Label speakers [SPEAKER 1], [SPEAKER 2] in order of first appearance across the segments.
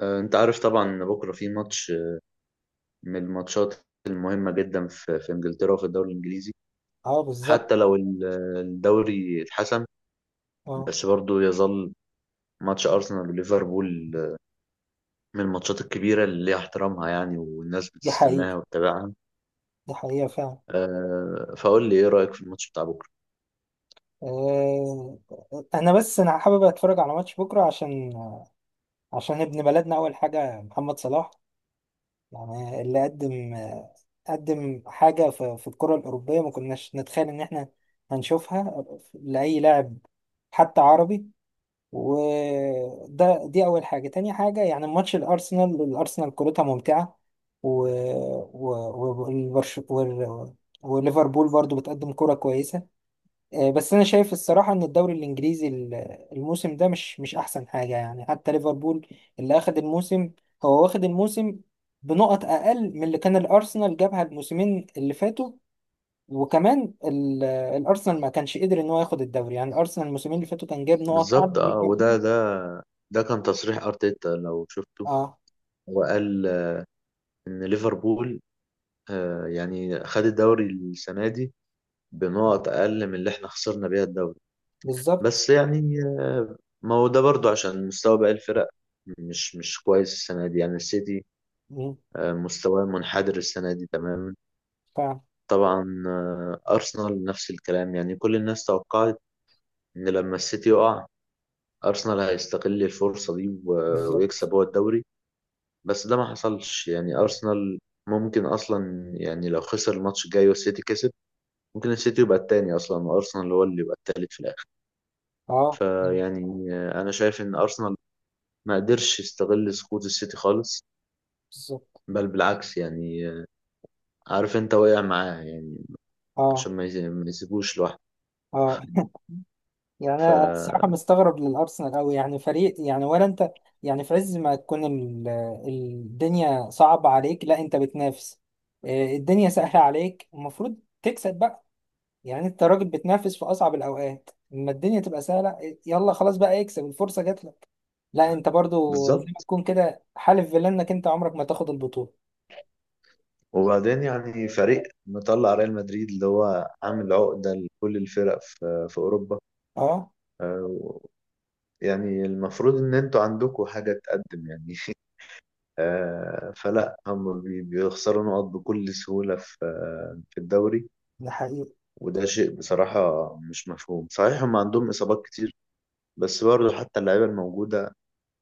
[SPEAKER 1] انت عارف طبعا ان بكره في ماتش من الماتشات المهمه جدا في انجلترا وفي الدوري الانجليزي.
[SPEAKER 2] اه، بالظبط.
[SPEAKER 1] حتى لو الدوري اتحسم،
[SPEAKER 2] اه.
[SPEAKER 1] بس برضه يظل ماتش ارسنال وليفربول من الماتشات الكبيره اللي ليها احترامها، يعني والناس
[SPEAKER 2] دي
[SPEAKER 1] بتستناها
[SPEAKER 2] حقيقة.
[SPEAKER 1] وتتابعها.
[SPEAKER 2] دي حقيقة فعلا.
[SPEAKER 1] فقول لي ايه رايك في الماتش بتاع بكره.
[SPEAKER 2] آه، انا حابب اتفرج على ماتش بكرة عشان ابن بلدنا، اول حاجة محمد صلاح، يعني اللي قدم حاجة في الكرة الأوروبية ما كناش نتخيل ان احنا هنشوفها لأي لاعب حتى عربي. وده، دي اول حاجه. تاني حاجه يعني ماتش الارسنال كورتها ممتعه، و و و- والبرش وال- وليفربول برضو بتقدم كرة كويسة. بس أنا شايف الصراحة إن الدوري الإنجليزي الموسم ده مش أحسن حاجة، يعني حتى ليفربول اللي أخد الموسم، هو واخد الموسم بنقط أقل من اللي كان الأرسنال جابها الموسمين اللي فاتوا. وكمان الأرسنال ما كانش قدر إن هو ياخد الدوري. يعني الأرسنال الموسمين اللي فاتوا كان جاب نقط أعلى
[SPEAKER 1] بالظبط
[SPEAKER 2] من
[SPEAKER 1] اه،
[SPEAKER 2] ليفربول.
[SPEAKER 1] وده ده ده كان تصريح ارتيتا لو شفته.
[SPEAKER 2] اه،
[SPEAKER 1] هو قال ان ليفربول يعني خد الدوري السنه دي بنقط اقل من اللي احنا خسرنا بيها الدوري.
[SPEAKER 2] بالظبط.
[SPEAKER 1] بس يعني، ما هو ده برضو عشان مستوى باقي الفرق مش كويس السنة دي، يعني السيتي
[SPEAKER 2] مم.
[SPEAKER 1] مستواه منحدر السنة دي تماما.
[SPEAKER 2] فعلا.
[SPEAKER 1] طبعا أرسنال نفس الكلام، يعني كل الناس توقعت إن لما السيتي يقع أرسنال هيستغل الفرصة دي
[SPEAKER 2] بالظبط.
[SPEAKER 1] ويكسب هو الدوري. بس ده ما حصلش، يعني أرسنال ممكن أصلا يعني لو خسر الماتش الجاي والسيتي كسب، ممكن السيتي يبقى التاني أصلا وأرسنال هو اللي يبقى التالت في الآخر.
[SPEAKER 2] اه،
[SPEAKER 1] فيعني أنا شايف إن أرسنال ما قدرش يستغل سقوط السيتي خالص،
[SPEAKER 2] بالظبط.
[SPEAKER 1] بل بالعكس يعني. عارف انت واقع معاه يعني،
[SPEAKER 2] اه.
[SPEAKER 1] عشان ما يسيبوش لوحده.
[SPEAKER 2] اه. يعني انا الصراحه
[SPEAKER 1] فبالظبط.
[SPEAKER 2] مستغرب للارسنال قوي، يعني فريق، يعني ولا انت يعني في عز ما تكون الدنيا صعبه عليك لا انت بتنافس، الدنيا سهله عليك، المفروض تكسب بقى. يعني انت راجل بتنافس في اصعب الاوقات، لما الدنيا تبقى سهله يلا خلاص بقى اكسب، الفرصه جات لك. لا انت برضو زي ما تكون كده حالف فيلا انك انت عمرك ما تاخد البطوله.
[SPEAKER 1] وبعدين يعني فريق مطلع ريال مدريد، اللي هو عامل عقدة لكل الفرق في أوروبا.
[SPEAKER 2] اه.
[SPEAKER 1] آه، يعني المفروض إن انتوا عندكم حاجة تقدم يعني. فلا هم بيخسروا نقط بكل سهولة في الدوري.
[SPEAKER 2] ده حقيقي.
[SPEAKER 1] وده شيء بصراحة مش مفهوم، صحيح هم عندهم إصابات كتير، بس برضه حتى اللعيبة الموجودة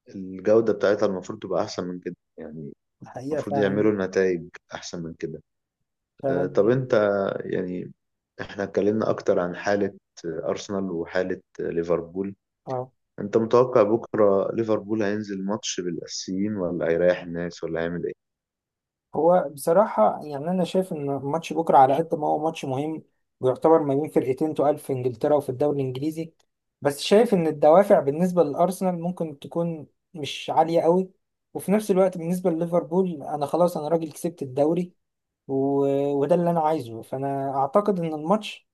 [SPEAKER 1] الجودة بتاعتها المفروض تبقى أحسن من كده يعني.
[SPEAKER 2] ده حقيقه
[SPEAKER 1] المفروض
[SPEAKER 2] فعلا.
[SPEAKER 1] يعملوا نتائج أحسن من كده.
[SPEAKER 2] تمام.
[SPEAKER 1] طب أنت يعني إحنا اتكلمنا أكتر عن حالة أرسنال وحالة ليفربول.
[SPEAKER 2] اه.
[SPEAKER 1] أنت متوقع بكرة ليفربول هينزل ماتش بالأسيين ولا هيريح الناس ولا هيعمل إيه؟
[SPEAKER 2] هو بصراحة يعني أنا شايف إن ماتش بكرة على قد ما هو ماتش مهم، ويعتبر ما بين فرقتين تقال في إنجلترا وفي الدوري الإنجليزي، بس شايف إن الدوافع بالنسبة للأرسنال ممكن تكون مش عالية قوي. وفي نفس الوقت بالنسبة لليفربول، أنا خلاص أنا راجل كسبت الدوري، و... وده اللي أنا عايزه. فأنا أعتقد إن الماتش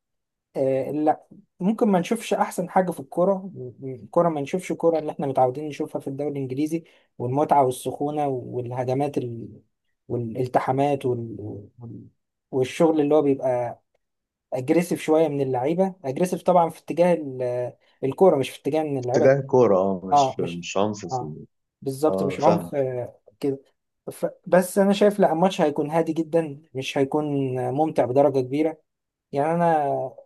[SPEAKER 2] لا، ممكن ما نشوفش احسن حاجه في الكوره، الكوره ما نشوفش الكوره اللي احنا متعودين نشوفها في الدوري الانجليزي، والمتعه والسخونه والهجمات والالتحامات وال... والشغل اللي هو بيبقى اجريسيف شويه، من اللعيبه اجريسيف طبعا في اتجاه الكوره، مش في اتجاه ان
[SPEAKER 1] اتجاه
[SPEAKER 2] اللعيبه
[SPEAKER 1] كورة، أه
[SPEAKER 2] اه
[SPEAKER 1] مش
[SPEAKER 2] مش
[SPEAKER 1] مش عنف
[SPEAKER 2] اه، بالظبط،
[SPEAKER 1] أه
[SPEAKER 2] مش
[SPEAKER 1] فاهم.
[SPEAKER 2] عنف كده. بس انا شايف لا الماتش هيكون هادي جدا، مش هيكون ممتع بدرجه كبيره. يعني انا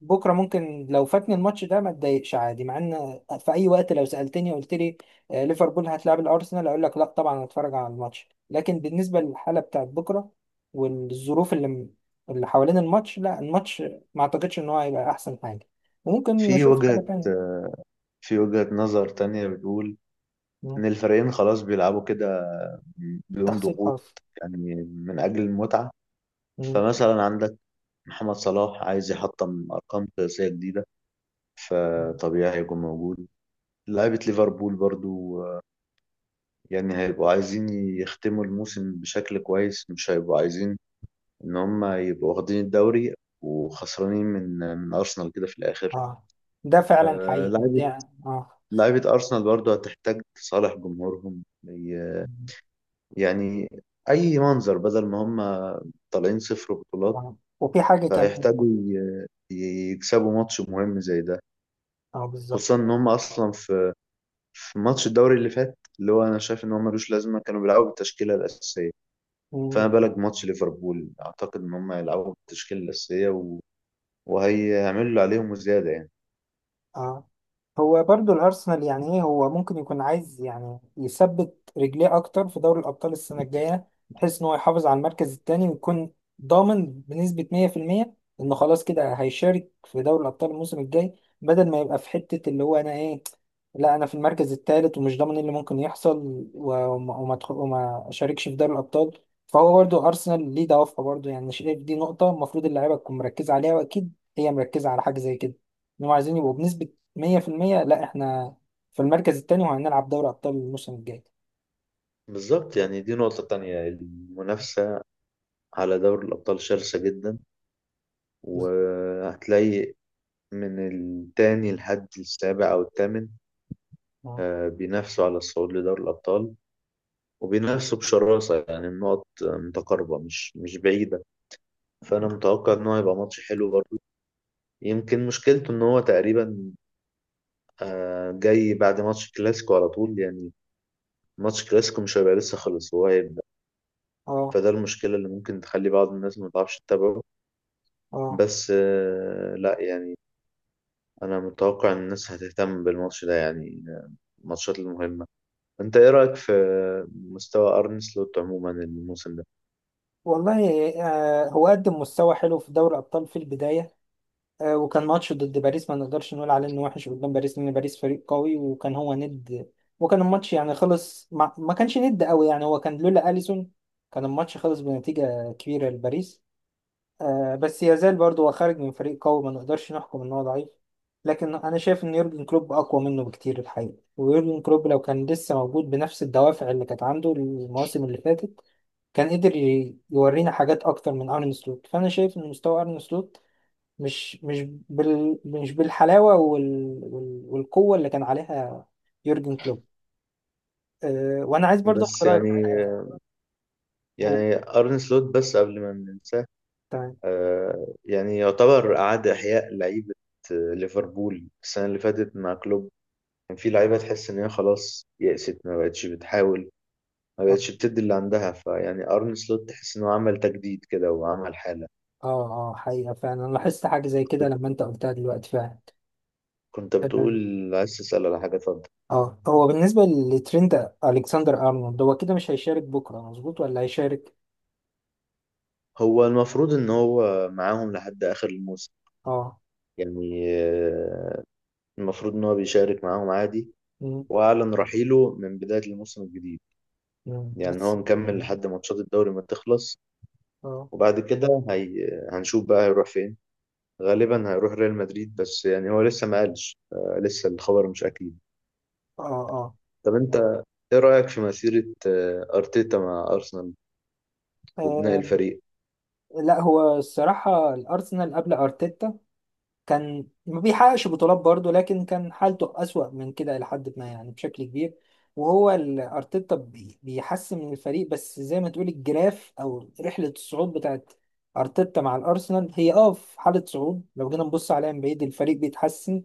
[SPEAKER 2] بكره ممكن لو فاتني الماتش ده ما اتضايقش عادي، مع ان في اي وقت لو سالتني قلت لي ليفربول هتلعب الارسنال، اقول لك لا طبعا هتفرج على الماتش. لكن بالنسبه للحاله بتاعت بكره والظروف اللي حوالين الماتش، لا، الماتش ما اعتقدش ان هو هيبقى احسن حاجه، وممكن
[SPEAKER 1] في
[SPEAKER 2] نشوف حاجه
[SPEAKER 1] وجهة
[SPEAKER 2] تانية.
[SPEAKER 1] في وجهة نظر تانية بتقول
[SPEAKER 2] مم.
[SPEAKER 1] إن الفريقين خلاص بيلعبوا كده بدون
[SPEAKER 2] تحصيل
[SPEAKER 1] ضغوط،
[SPEAKER 2] خاص.
[SPEAKER 1] يعني من أجل المتعة.
[SPEAKER 2] مم.
[SPEAKER 1] فمثلا عندك محمد صلاح عايز يحطم أرقام قياسية جديدة، فطبيعي هيكون موجود. لعيبة ليفربول برضو يعني هيبقوا عايزين يختموا الموسم بشكل كويس، مش هيبقوا عايزين إن هم يبقوا واخدين الدوري وخسرانين من أرسنال كده في الآخر.
[SPEAKER 2] اه. ده فعلا
[SPEAKER 1] آه،
[SPEAKER 2] حقيقه دي،
[SPEAKER 1] لعيبة
[SPEAKER 2] يعني اه.
[SPEAKER 1] لعيبة أرسنال برضو هتحتاج تصالح جمهورهم
[SPEAKER 2] مم.
[SPEAKER 1] يعني أي منظر بدل ما هم طالعين 0 بطولات.
[SPEAKER 2] آه. وفي حاجه كمان.
[SPEAKER 1] فهيحتاجوا يكسبوا ماتش مهم زي ده،
[SPEAKER 2] اه بالظبط.
[SPEAKER 1] خصوصا ان هم اصلا في ماتش الدوري اللي فات اللي هو انا شايف ان هو ملوش لازمه، كانوا بيلعبوا بالتشكيله الاساسيه. فما
[SPEAKER 2] مم.
[SPEAKER 1] بالك ماتش ليفربول، اعتقد ان هم هيلعبوا بالتشكيله الاساسيه وهيعملوا اللي عليهم وزياده يعني.
[SPEAKER 2] اه. هو برضو الأرسنال يعني إيه، هو ممكن يكون عايز يعني يثبت رجليه أكتر في دوري الأبطال السنة الجاية، بحيث إن هو يحافظ على المركز التاني ويكون ضامن بنسبة 100% إنه خلاص كده هيشارك في دوري الأبطال الموسم الجاي، بدل ما يبقى في حتة اللي هو أنا إيه، لا أنا في المركز التالت ومش ضامن إيه اللي ممكن يحصل، وما وما أشاركش في دوري الأبطال. فهو برضو أرسنال ليه دوافعه برضو، يعني شايف دي نقطة المفروض اللعيبة تكون مركزة عليها، وأكيد هي مركزة على حاجة زي كده، إنهم عايزين يبقوا بنسبة مية في المية، لا احنا في المركز التاني وهنلعب دوري أبطال الموسم الجاي.
[SPEAKER 1] بالظبط، يعني دي نقطة تانية. المنافسة على دوري الأبطال شرسة جدا، وهتلاقي من التاني لحد السابع أو الثامن
[SPEAKER 2] آه.
[SPEAKER 1] بينافسوا على الصعود لدوري الأبطال، وبينافسوا بشراسة. يعني النقط متقاربة مش بعيدة. فأنا متوقع إن هو هيبقى ماتش حلو برضه. يمكن مشكلته ان هو تقريبا جاي بعد ماتش كلاسيكو على طول يعني، ماتش كلاسيكو مش هيبقى لسه خلص هو هيبدأ.
[SPEAKER 2] اه.
[SPEAKER 1] فده المشكلة اللي ممكن تخلي بعض الناس ما تعرفش تتابعه.
[SPEAKER 2] اه.
[SPEAKER 1] بس لا يعني، انا متوقع ان الناس هتهتم بالماتش ده يعني. الماتشات المهمة، انت ايه رأيك في مستوى ارن سلوت عموما الموسم ده؟
[SPEAKER 2] والله، آه، هو قدم مستوى حلو في دوري الأبطال في البداية. آه، وكان ماتش ضد باريس ما نقدرش نقول عليه إنه وحش قدام باريس، لأن باريس فريق قوي وكان هو ند، وكان الماتش يعني خلص، ما كانش ند قوي، يعني هو كان لولا أليسون كان الماتش خلص بنتيجة كبيرة لباريس. آه، بس يزال برضه هو خارج من فريق قوي، ما نقدرش نحكم ان هو ضعيف. لكن انا شايف ان يورجن كلوب اقوى منه بكتير الحقيقه، ويورجن كلوب لو كان لسه موجود بنفس الدوافع اللي كانت عنده المواسم اللي فاتت كان قدر يورينا حاجات اكتر من ارن سلوت. فانا شايف ان مستوى ارن سلوت مش مش بالحلاوه والقوه اللي كان عليها يورجن كلوب. آه، وانا عايز برضه اخد
[SPEAKER 1] بس
[SPEAKER 2] رايك
[SPEAKER 1] يعني
[SPEAKER 2] في حاجه. هو
[SPEAKER 1] يعني ارن سلوت، بس قبل ما ننساه
[SPEAKER 2] تمام.
[SPEAKER 1] يعني يعتبر اعاد احياء لعيبة ليفربول السنة اللي فاتت مع كلوب. كان في لعيبة تحس إن هي خلاص يأست، ما بقتش بتحاول ما بقتش
[SPEAKER 2] اه.
[SPEAKER 1] بتدي اللي عندها. فيعني أرن سلوت تحس إنه عمل تجديد كده وعمل حالة.
[SPEAKER 2] اه، حقيقه فعلا، انا لاحظت حاجه زي كده لما انت قلتها دلوقتي فعلا.
[SPEAKER 1] كنت بتقول
[SPEAKER 2] تمام.
[SPEAKER 1] عايز تسأل على حاجة، اتفضل.
[SPEAKER 2] اه، هو بالنسبة لترند ألكسندر أرنولد، هو كده مش هيشارك بكرة مظبوط ولا هيشارك؟
[SPEAKER 1] هو المفروض إن هو معاهم لحد آخر الموسم،
[SPEAKER 2] اه.
[SPEAKER 1] يعني المفروض إن هو بيشارك معاهم عادي،
[SPEAKER 2] مم.
[SPEAKER 1] وأعلن رحيله من بداية الموسم الجديد. يعني هو
[SPEAKER 2] بس
[SPEAKER 1] مكمل
[SPEAKER 2] مم.
[SPEAKER 1] لحد ماتشات الدوري ما تخلص.
[SPEAKER 2] اه.
[SPEAKER 1] وبعد كده هنشوف بقى هيروح فين. غالبا هيروح ريال مدريد، بس يعني هو لسه ما قالش لسه الخبر مش أكيد.
[SPEAKER 2] اه. اه.
[SPEAKER 1] طب انت ايه رأيك في مسيرة ارتيتا مع ارسنال وبناء
[SPEAKER 2] آه،
[SPEAKER 1] الفريق.
[SPEAKER 2] لا، هو الصراحة الأرسنال قبل أرتيتا كان ما بيحققش بطولات برضه، لكن كان حالته أسوأ من كده لحد ما، يعني بشكل كبير. وهو أرتيتا بيحسن من الفريق، بس زي ما تقول الجراف أو رحلة الصعود بتاعت أرتيتا مع الأرسنال هي، أه، في حالة صعود لو جينا نبص عليها من بعيد الفريق بيتحسن،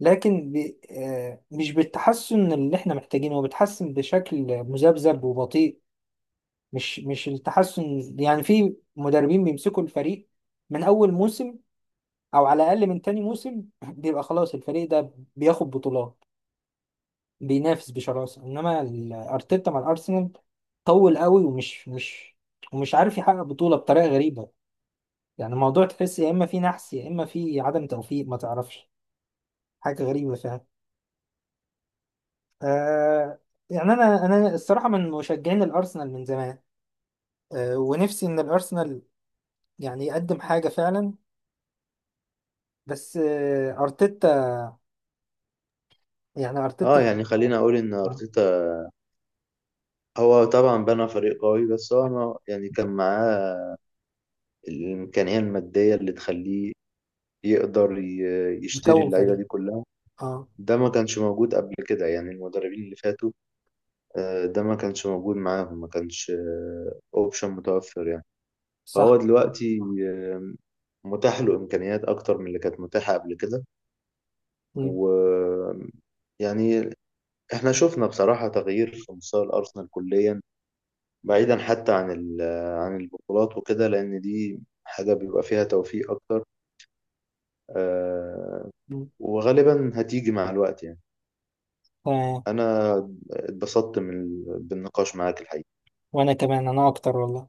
[SPEAKER 2] لكن بي آه مش بالتحسن اللي احنا محتاجينه. هو بيتحسن بشكل مذبذب وبطيء، مش التحسن يعني. في مدربين بيمسكوا الفريق من أول موسم او على الاقل من تاني موسم بيبقى خلاص الفريق ده بياخد بطولات، بينافس بشراسه. انما ارتيتا مع الارسنال طول قوي ومش مش ومش عارف يحقق بطوله بطريقه غريبه. يعني الموضوع تحس يا اما في نحس يا اما في عدم توفيق، ما تعرفش، حاجه غريبه فعلا. آه، يعني انا الصراحه من مشجعين الارسنال من زمان. آه، ونفسي ان الارسنال يعني يقدم حاجه فعلا، بس آه ارتيتا، يعني
[SPEAKER 1] اه
[SPEAKER 2] ارتيتا
[SPEAKER 1] يعني خلينا اقول ان
[SPEAKER 2] آه.
[SPEAKER 1] ارتيتا هو طبعا بنى فريق قوي، بس هو ما يعني كان معاه الامكانية المادية اللي تخليه يقدر يشتري
[SPEAKER 2] يكون
[SPEAKER 1] اللعيبة
[SPEAKER 2] فريق.
[SPEAKER 1] دي كلها.
[SPEAKER 2] اه.
[SPEAKER 1] ده ما كانش موجود قبل كده، يعني المدربين اللي فاتوا ده ما كانش موجود معاهم، ما كانش اوبشن متوفر يعني. فهو
[SPEAKER 2] صح.
[SPEAKER 1] دلوقتي آه، متاح له امكانيات اكتر من اللي كانت متاحة قبل كده. و يعني احنا شفنا بصراحة تغيير في مستوى الأرسنال كليا، بعيدا حتى عن عن البطولات وكده، لأن دي حاجة بيبقى فيها توفيق أكتر آه، وغالبا هتيجي مع الوقت يعني.
[SPEAKER 2] تمام.
[SPEAKER 1] أنا اتبسطت من بالنقاش معاك الحقيقة.
[SPEAKER 2] وانا كمان، انا اكتر، والله.